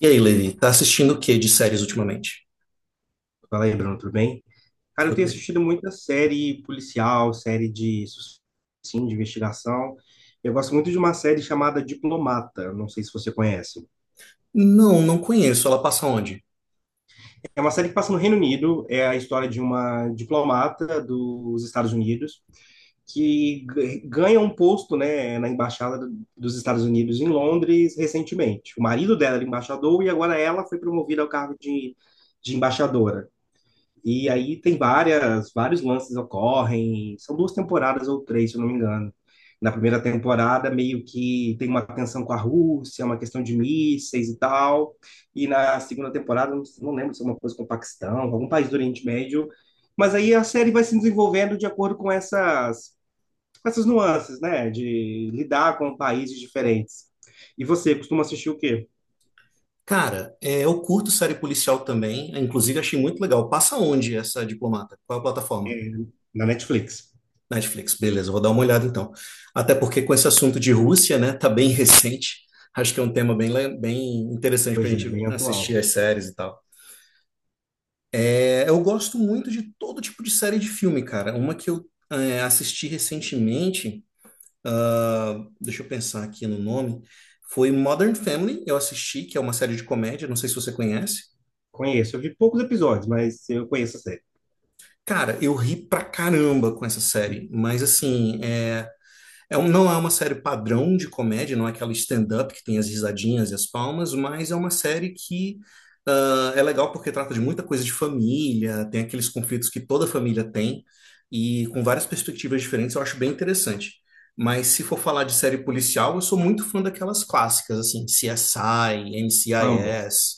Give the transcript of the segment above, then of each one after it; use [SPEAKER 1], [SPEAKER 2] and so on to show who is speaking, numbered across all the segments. [SPEAKER 1] E aí, Levi, tá assistindo o que de séries ultimamente?
[SPEAKER 2] Fala aí, Bruno, tudo bem? Cara, eu
[SPEAKER 1] Tudo
[SPEAKER 2] tenho
[SPEAKER 1] bem.
[SPEAKER 2] assistido muita série policial, sim, de investigação. Eu gosto muito de uma série chamada Diplomata, não sei se você conhece.
[SPEAKER 1] Não, não conheço. Ela passa onde?
[SPEAKER 2] É uma série que passa no Reino Unido, é a história de uma diplomata dos Estados Unidos que ganha um posto, né, na embaixada dos Estados Unidos em Londres recentemente. O marido dela era embaixador e agora ela foi promovida ao cargo de embaixadora. E aí tem vários lances ocorrem, são duas temporadas ou três, se eu não me engano. Na primeira temporada, meio que tem uma tensão com a Rússia, uma questão de mísseis e tal. E na segunda temporada, não lembro se é uma coisa com o Paquistão, algum país do Oriente Médio. Mas aí a série vai se desenvolvendo de acordo com com essas nuances, né? De lidar com países diferentes. E você costuma assistir o quê?
[SPEAKER 1] Cara, é, eu curto série policial também. Inclusive, achei muito legal. Passa onde essa diplomata? Qual é a plataforma?
[SPEAKER 2] É, na Netflix.
[SPEAKER 1] Netflix. Beleza, eu vou dar uma olhada então. Até porque com esse assunto de Rússia, né, tá bem recente. Acho que é um tema bem, bem interessante pra
[SPEAKER 2] Pois é,
[SPEAKER 1] gente
[SPEAKER 2] bem
[SPEAKER 1] assistir
[SPEAKER 2] atual.
[SPEAKER 1] as séries e tal. É, eu gosto muito de todo tipo de série de filme, cara. Uma que assisti recentemente. ah, Deixa eu pensar aqui no nome. Foi Modern Family, eu assisti, que é uma série de comédia, não sei se você conhece.
[SPEAKER 2] Conheço, eu vi poucos episódios, mas eu conheço a série.
[SPEAKER 1] Cara, eu ri pra caramba com essa série, mas assim, não é uma série padrão de comédia, não é aquela stand-up que tem as risadinhas e as palmas, mas é uma série que é legal porque trata de muita coisa de família, tem aqueles conflitos que toda família tem, e com várias perspectivas diferentes, eu acho bem interessante. Mas se for falar de série policial, eu sou muito fã daquelas clássicas, assim, CSI,
[SPEAKER 2] Amo,
[SPEAKER 1] NCIS,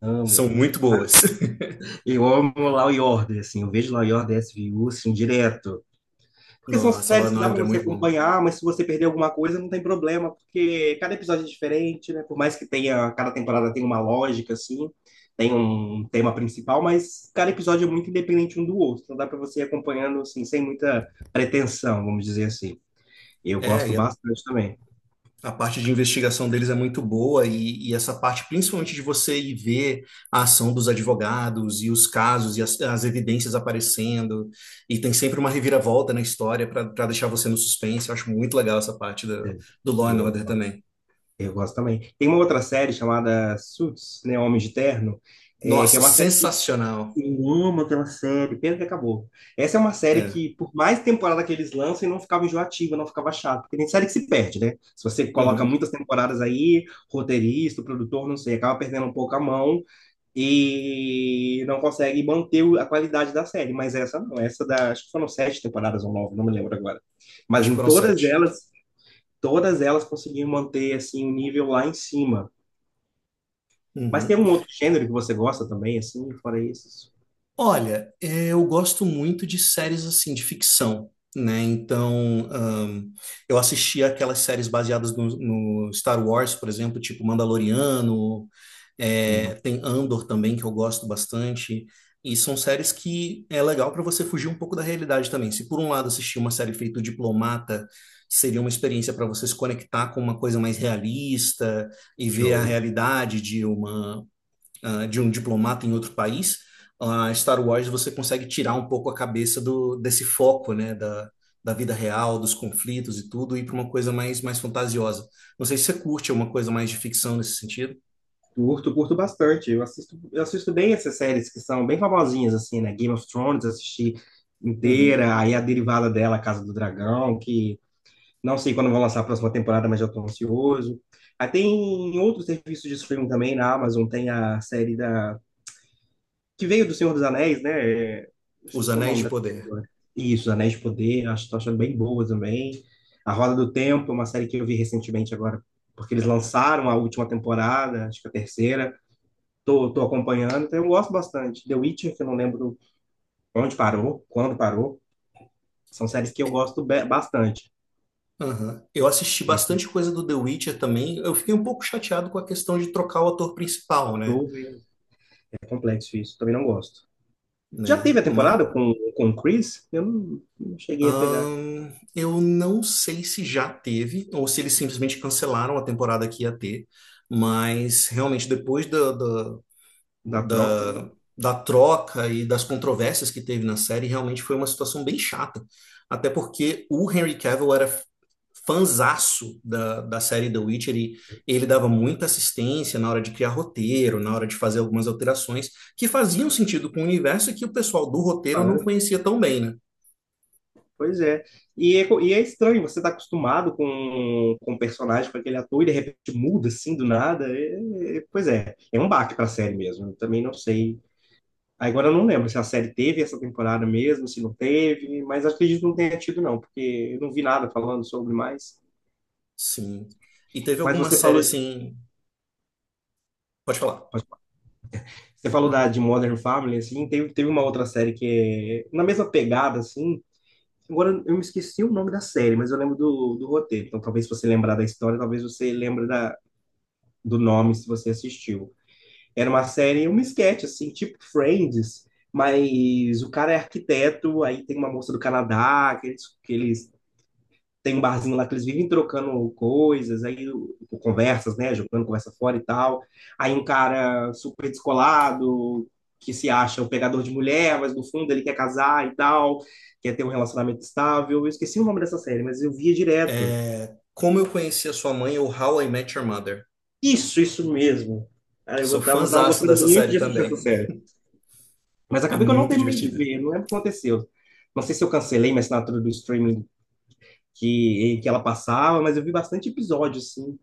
[SPEAKER 2] amo.
[SPEAKER 1] são muito boas.
[SPEAKER 2] Eu amo Law e Order, assim, eu vejo Law e Order SVU, assim, direto. Porque são
[SPEAKER 1] Nossa, Law
[SPEAKER 2] séries
[SPEAKER 1] and
[SPEAKER 2] que dá pra
[SPEAKER 1] Order é
[SPEAKER 2] você
[SPEAKER 1] muito bom.
[SPEAKER 2] acompanhar, mas se você perder alguma coisa, não tem problema, porque cada episódio é diferente, né? Por mais que tenha, cada temporada tem uma lógica, assim, tem um tema principal, mas cada episódio é muito independente um do outro, então dá pra você ir acompanhando, assim, sem muita pretensão, vamos dizer assim. Eu
[SPEAKER 1] É,
[SPEAKER 2] gosto
[SPEAKER 1] e a
[SPEAKER 2] bastante também.
[SPEAKER 1] A parte de investigação deles é muito boa e essa parte, principalmente de você ir ver a ação dos advogados e os casos e as evidências aparecendo, e tem sempre uma reviravolta na história para deixar você no suspense. Eu acho muito legal essa parte do Law and
[SPEAKER 2] Eu
[SPEAKER 1] Order também.
[SPEAKER 2] Eu gosto também. Tem uma outra série chamada Suits, né? Homens de Terno, é, que é
[SPEAKER 1] Nossa,
[SPEAKER 2] uma série que
[SPEAKER 1] sensacional.
[SPEAKER 2] eu amo aquela série, pena que acabou. Essa é uma série
[SPEAKER 1] É.
[SPEAKER 2] que, por mais temporada que eles lançam, não ficava enjoativa, não ficava chata. Porque tem série que se perde, né? Se você coloca
[SPEAKER 1] Uhum.
[SPEAKER 2] muitas temporadas aí, roteirista, produtor, não sei, acaba perdendo um pouco a mão e não consegue manter a qualidade da série. Mas essa não, essa da, acho que foram sete temporadas ou nove, não me lembro agora. Mas
[SPEAKER 1] Acho que
[SPEAKER 2] em
[SPEAKER 1] foram sete.
[SPEAKER 2] todas elas conseguiram manter assim o nível lá em cima. Mas tem
[SPEAKER 1] Uhum.
[SPEAKER 2] um outro gênero que você gosta também, assim, fora esses?
[SPEAKER 1] Olha, é, eu gosto muito de séries assim, de ficção, né? Então, eu assisti aquelas séries baseadas no Star Wars, por exemplo, tipo Mandaloriano, é,
[SPEAKER 2] Que
[SPEAKER 1] tem Andor também, que eu gosto bastante. E são séries que é legal para você fugir um pouco da realidade também. Se por um lado assistir uma série feita o Diplomata seria uma experiência para você se conectar com uma coisa mais realista e ver a
[SPEAKER 2] show.
[SPEAKER 1] realidade de uma de um diplomata em outro país, a Star Wars você consegue tirar um pouco a cabeça desse foco, né, da vida real, dos conflitos e tudo, e para uma coisa mais, mais fantasiosa. Não sei se você curte uma coisa mais de ficção nesse sentido.
[SPEAKER 2] Curto, curto bastante. Eu assisto bem essas séries que são bem famosinhas, assim, né? Game of Thrones, assisti
[SPEAKER 1] Uhum.
[SPEAKER 2] inteira, aí a derivada dela, Casa do Dragão, que não sei quando vão lançar a próxima temporada, mas já estou ansioso. Aí tem outros serviços de streaming também, na Amazon tem a série da que veio do Senhor dos Anéis, né? É, eu
[SPEAKER 1] Os
[SPEAKER 2] esqueci o
[SPEAKER 1] Anéis
[SPEAKER 2] nome
[SPEAKER 1] de
[SPEAKER 2] da
[SPEAKER 1] Poder.
[SPEAKER 2] série agora. Isso, Anéis de Poder, acho, tô achando bem boa também. A Roda do Tempo, é uma série que eu vi recentemente agora, porque eles lançaram a última temporada, acho que a terceira. Tô acompanhando, então eu gosto bastante. The Witcher, que eu não lembro onde parou, quando parou. São séries que eu gosto bastante.
[SPEAKER 1] Aham. Eu assisti bastante coisa do The Witcher também. Eu fiquei um pouco chateado com a questão de trocar o ator principal, né?
[SPEAKER 2] Faltou, é complexo isso, também não gosto. Já
[SPEAKER 1] Né?
[SPEAKER 2] teve a
[SPEAKER 1] Ma-
[SPEAKER 2] temporada com o Chris? Eu não cheguei a pegar
[SPEAKER 1] Eu não sei se já teve ou se eles simplesmente cancelaram a temporada que ia ter, mas realmente depois
[SPEAKER 2] da troca, né?
[SPEAKER 1] da, da troca e das controvérsias que teve na série, realmente foi uma situação bem chata. Até porque o Henry Cavill era fanzaço da série The Witcher e ele dava muita assistência na hora de criar roteiro, na hora de fazer algumas alterações que faziam sentido com o universo e que o pessoal do roteiro
[SPEAKER 2] Ah,
[SPEAKER 1] não
[SPEAKER 2] é?
[SPEAKER 1] conhecia tão bem, né?
[SPEAKER 2] Pois é. E é estranho, você tá acostumado com o personagem, com aquele ator, e de repente muda assim do nada. Pois é, é um baque pra série mesmo. Eu também não sei. Agora eu não lembro se a série teve essa temporada mesmo, se não teve, mas acredito que não tenha tido, não, porque eu não vi nada falando sobre mais.
[SPEAKER 1] Sim. E teve
[SPEAKER 2] Mas
[SPEAKER 1] alguma
[SPEAKER 2] você
[SPEAKER 1] série
[SPEAKER 2] falou,
[SPEAKER 1] assim. Pode falar.
[SPEAKER 2] você falou da, de Modern Family, assim, teve uma outra série que é na mesma pegada, assim. Agora eu me esqueci o nome da série, mas eu lembro do roteiro. Então talvez se você lembrar da história, talvez você lembre da do nome se você assistiu. Era uma série, um sketch, assim, tipo Friends, mas o cara é arquiteto, aí tem uma moça do Canadá, que eles têm um barzinho lá que eles vivem trocando coisas, aí conversas, né, jogando conversa fora e tal. Aí um cara super descolado, que se acha o pegador de mulher, mas no fundo ele quer casar e tal, quer ter um relacionamento estável. Eu esqueci o nome dessa série, mas eu via direto.
[SPEAKER 1] É, Como Eu Conheci a Sua Mãe ou How I Met Your Mother.
[SPEAKER 2] Isso mesmo. Cara,
[SPEAKER 1] Sou
[SPEAKER 2] tava
[SPEAKER 1] fãzaço
[SPEAKER 2] gostando
[SPEAKER 1] dessa
[SPEAKER 2] muito
[SPEAKER 1] série
[SPEAKER 2] de assistir essa
[SPEAKER 1] também.
[SPEAKER 2] série. Mas
[SPEAKER 1] É
[SPEAKER 2] acabei que eu não
[SPEAKER 1] muito
[SPEAKER 2] terminei de
[SPEAKER 1] divertida.
[SPEAKER 2] ver, não lembro o que aconteceu. Não sei se eu cancelei minha assinatura do streaming que, que ela passava, mas eu vi bastante episódio, assim.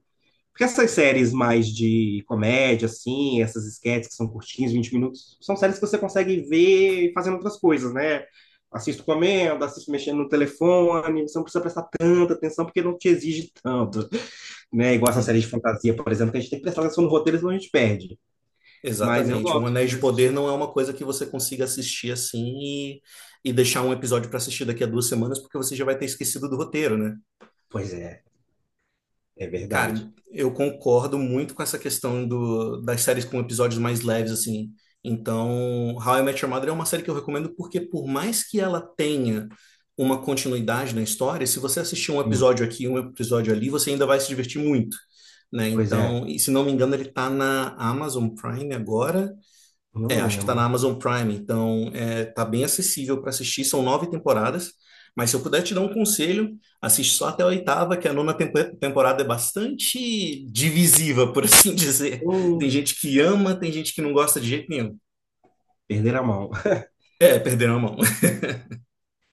[SPEAKER 2] Porque essas séries mais de comédia, assim, essas esquetes que são curtinhas, 20 minutos, são séries que você consegue ver fazendo outras coisas, né? Assisto comendo, assisto mexendo no telefone, você não precisa prestar tanta atenção porque não te exige tanto, né? Igual essa série de
[SPEAKER 1] Uhum.
[SPEAKER 2] fantasia, por exemplo, que a gente tem que prestar atenção no roteiro, senão a gente perde. Mas eu
[SPEAKER 1] Exatamente. Um
[SPEAKER 2] gosto
[SPEAKER 1] Anéis
[SPEAKER 2] de
[SPEAKER 1] de Poder
[SPEAKER 2] assistir.
[SPEAKER 1] não é uma coisa que você consiga assistir assim e deixar um episódio para assistir daqui a duas semanas, porque você já vai ter esquecido do roteiro, né?
[SPEAKER 2] Pois é, é verdade.
[SPEAKER 1] Cara, eu concordo muito com essa questão das séries com episódios mais leves, assim. Então, How I Met Your Mother é uma série que eu recomendo porque, por mais que ela tenha uma continuidade na história, se você assistir um
[SPEAKER 2] Sim,
[SPEAKER 1] episódio aqui, um episódio ali, você ainda vai se divertir muito, né?
[SPEAKER 2] pois é.
[SPEAKER 1] Então, e se não me engano, ele tá na Amazon Prime agora é,
[SPEAKER 2] Não
[SPEAKER 1] acho que está na
[SPEAKER 2] lembro.
[SPEAKER 1] Amazon Prime, então é, tá bem acessível para assistir. São nove temporadas, mas se eu puder te dar um conselho, assiste só até a oitava, que a nona temporada é bastante divisiva, por assim dizer. Tem
[SPEAKER 2] Hum,
[SPEAKER 1] gente que ama, tem gente que não gosta de jeito nenhum.
[SPEAKER 2] perder a mão.
[SPEAKER 1] É, perderam a mão.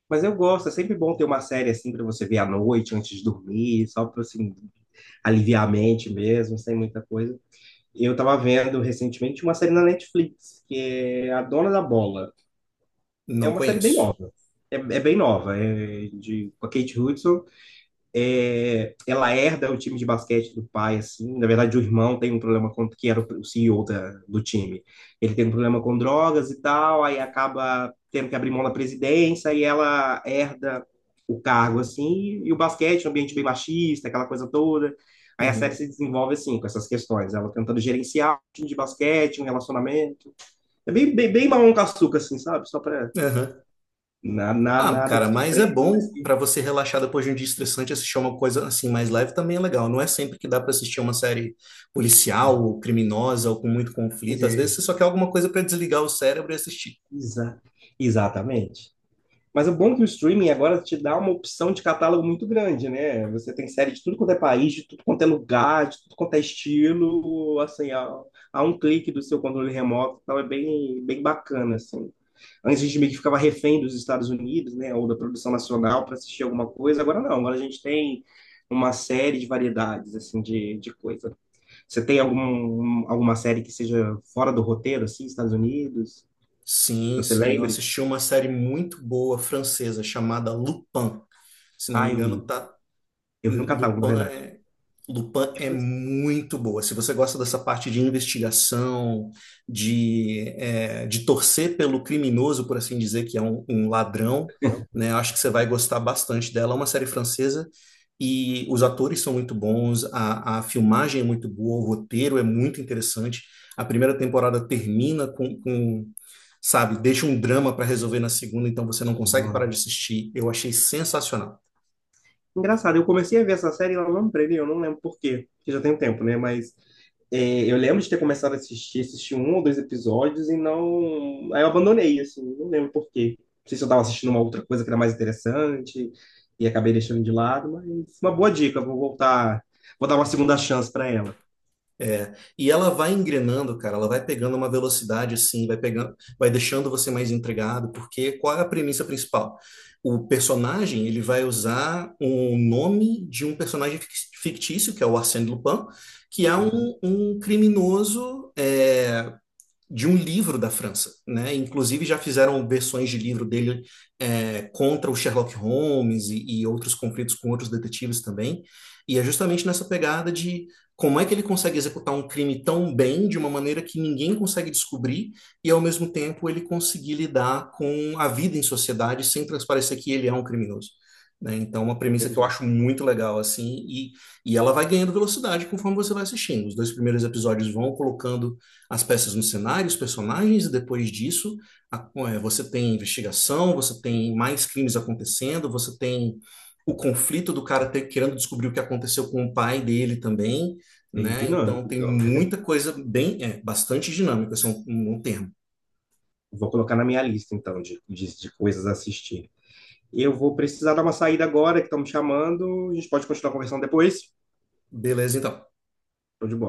[SPEAKER 2] Mas eu gosto, é sempre bom ter uma série assim pra você ver à noite, antes de dormir, só pra assim, aliviar a mente mesmo, sem muita coisa. Eu tava vendo recentemente uma série na Netflix, que é A Dona da Bola. É
[SPEAKER 1] Não
[SPEAKER 2] uma série bem
[SPEAKER 1] conheço.
[SPEAKER 2] nova. É, é bem nova, é de, com a Kate Hudson. É, ela herda o time de basquete do pai, assim. Na verdade, o irmão tem um problema com que era o CEO da, do time. Ele tem um problema com drogas e tal, aí acaba tendo que abrir mão da presidência e ela herda o cargo, assim. E o basquete, um ambiente bem machista, aquela coisa toda. Aí a série
[SPEAKER 1] Uhum.
[SPEAKER 2] se desenvolve assim, com essas questões. Ela tentando gerenciar um time de basquete, um relacionamento. É bem mamão com açúcar, assim, sabe? Só pra.
[SPEAKER 1] Aham. Ah,
[SPEAKER 2] Nada
[SPEAKER 1] cara,
[SPEAKER 2] que te
[SPEAKER 1] mas é
[SPEAKER 2] prenda, mas.
[SPEAKER 1] bom pra você relaxar depois de um dia estressante, assistir uma coisa assim mais leve também é legal. Não é sempre que dá pra assistir uma série
[SPEAKER 2] Pois
[SPEAKER 1] policial ou criminosa ou com muito conflito. Às vezes
[SPEAKER 2] é.
[SPEAKER 1] você só quer alguma coisa pra desligar o cérebro e assistir.
[SPEAKER 2] Exa- Exatamente. Mas o bom é que o streaming agora te dá uma opção de catálogo muito grande, né? Você tem série de tudo quanto é país, de tudo quanto é lugar, de tudo quanto é estilo, assim, a um clique do seu controle remoto, então é bem bacana, assim. Antes a gente meio que ficava refém dos Estados Unidos, né, ou da produção nacional para assistir alguma coisa, agora não, agora a gente tem uma série de variedades, assim, de coisa. Você tem alguma série que seja fora do roteiro, assim, Estados Unidos?
[SPEAKER 1] Sim,
[SPEAKER 2] Você
[SPEAKER 1] sim, eu
[SPEAKER 2] lembre?
[SPEAKER 1] assisti uma série muito boa francesa chamada Lupin. Se não me
[SPEAKER 2] Ah, eu
[SPEAKER 1] engano,
[SPEAKER 2] vi.
[SPEAKER 1] tá
[SPEAKER 2] Eu vi um catálogo, na
[SPEAKER 1] Lupin
[SPEAKER 2] verdade.
[SPEAKER 1] é Lupin
[SPEAKER 2] Eu
[SPEAKER 1] é
[SPEAKER 2] falei
[SPEAKER 1] muito boa. Se você gosta dessa parte de investigação, de, é, de torcer pelo criminoso, por assim dizer, que é um, um ladrão, né? Acho que você vai gostar bastante dela. É uma série francesa e os atores são muito bons, a filmagem é muito boa, o roteiro é muito interessante. A primeira temporada termina com sabe, deixa um drama para resolver na segunda, então você não
[SPEAKER 2] assim,
[SPEAKER 1] consegue parar
[SPEAKER 2] "Nossa".
[SPEAKER 1] de assistir. Eu achei sensacional.
[SPEAKER 2] Engraçado, eu comecei a ver essa série e ela não previa, eu não lembro por quê, porque já tem um tempo, né? Mas é, eu lembro de ter começado a assistir, assisti um ou dois episódios e não. Aí eu abandonei, assim, não lembro por quê. Não sei se eu estava assistindo uma outra coisa que era mais interessante e acabei deixando de lado, mas uma boa dica, vou voltar, vou dar uma segunda chance para ela.
[SPEAKER 1] É, e ela vai engrenando, cara, ela vai pegando uma velocidade assim, vai pegando, vai deixando você mais intrigado, porque qual é a premissa principal? O personagem, ele vai usar o nome de um personagem fictício, que é o Arsène Lupin, que é
[SPEAKER 2] Uhum,
[SPEAKER 1] um, um criminoso, é, de um livro da França, né? Inclusive já fizeram versões de livro dele é, contra o Sherlock Holmes e outros conflitos com outros detetives também. E é justamente nessa pegada de como é que ele consegue executar um crime tão bem, de uma maneira que ninguém consegue descobrir, e ao mesmo tempo ele conseguir lidar com a vida em sociedade sem transparecer que ele é um criminoso. Né? Então, uma premissa que eu
[SPEAKER 2] entendi.
[SPEAKER 1] acho muito legal, assim, e ela vai ganhando velocidade conforme você vai assistindo. Os dois primeiros episódios vão colocando as peças no cenário, os personagens, e depois disso você tem investigação, você tem mais crimes acontecendo, você tem o conflito do cara querendo descobrir o que aconteceu com o pai dele também,
[SPEAKER 2] Bem
[SPEAKER 1] né? Então
[SPEAKER 2] dinâmico,
[SPEAKER 1] tem
[SPEAKER 2] então, né?
[SPEAKER 1] muita coisa bem, é, bastante dinâmica, esse é um, um termo.
[SPEAKER 2] Vou colocar na minha lista, então, de coisas a assistir. Eu vou precisar dar uma saída agora, que estão me chamando. A gente pode continuar conversando depois.
[SPEAKER 1] Beleza, então.
[SPEAKER 2] Tô de bola.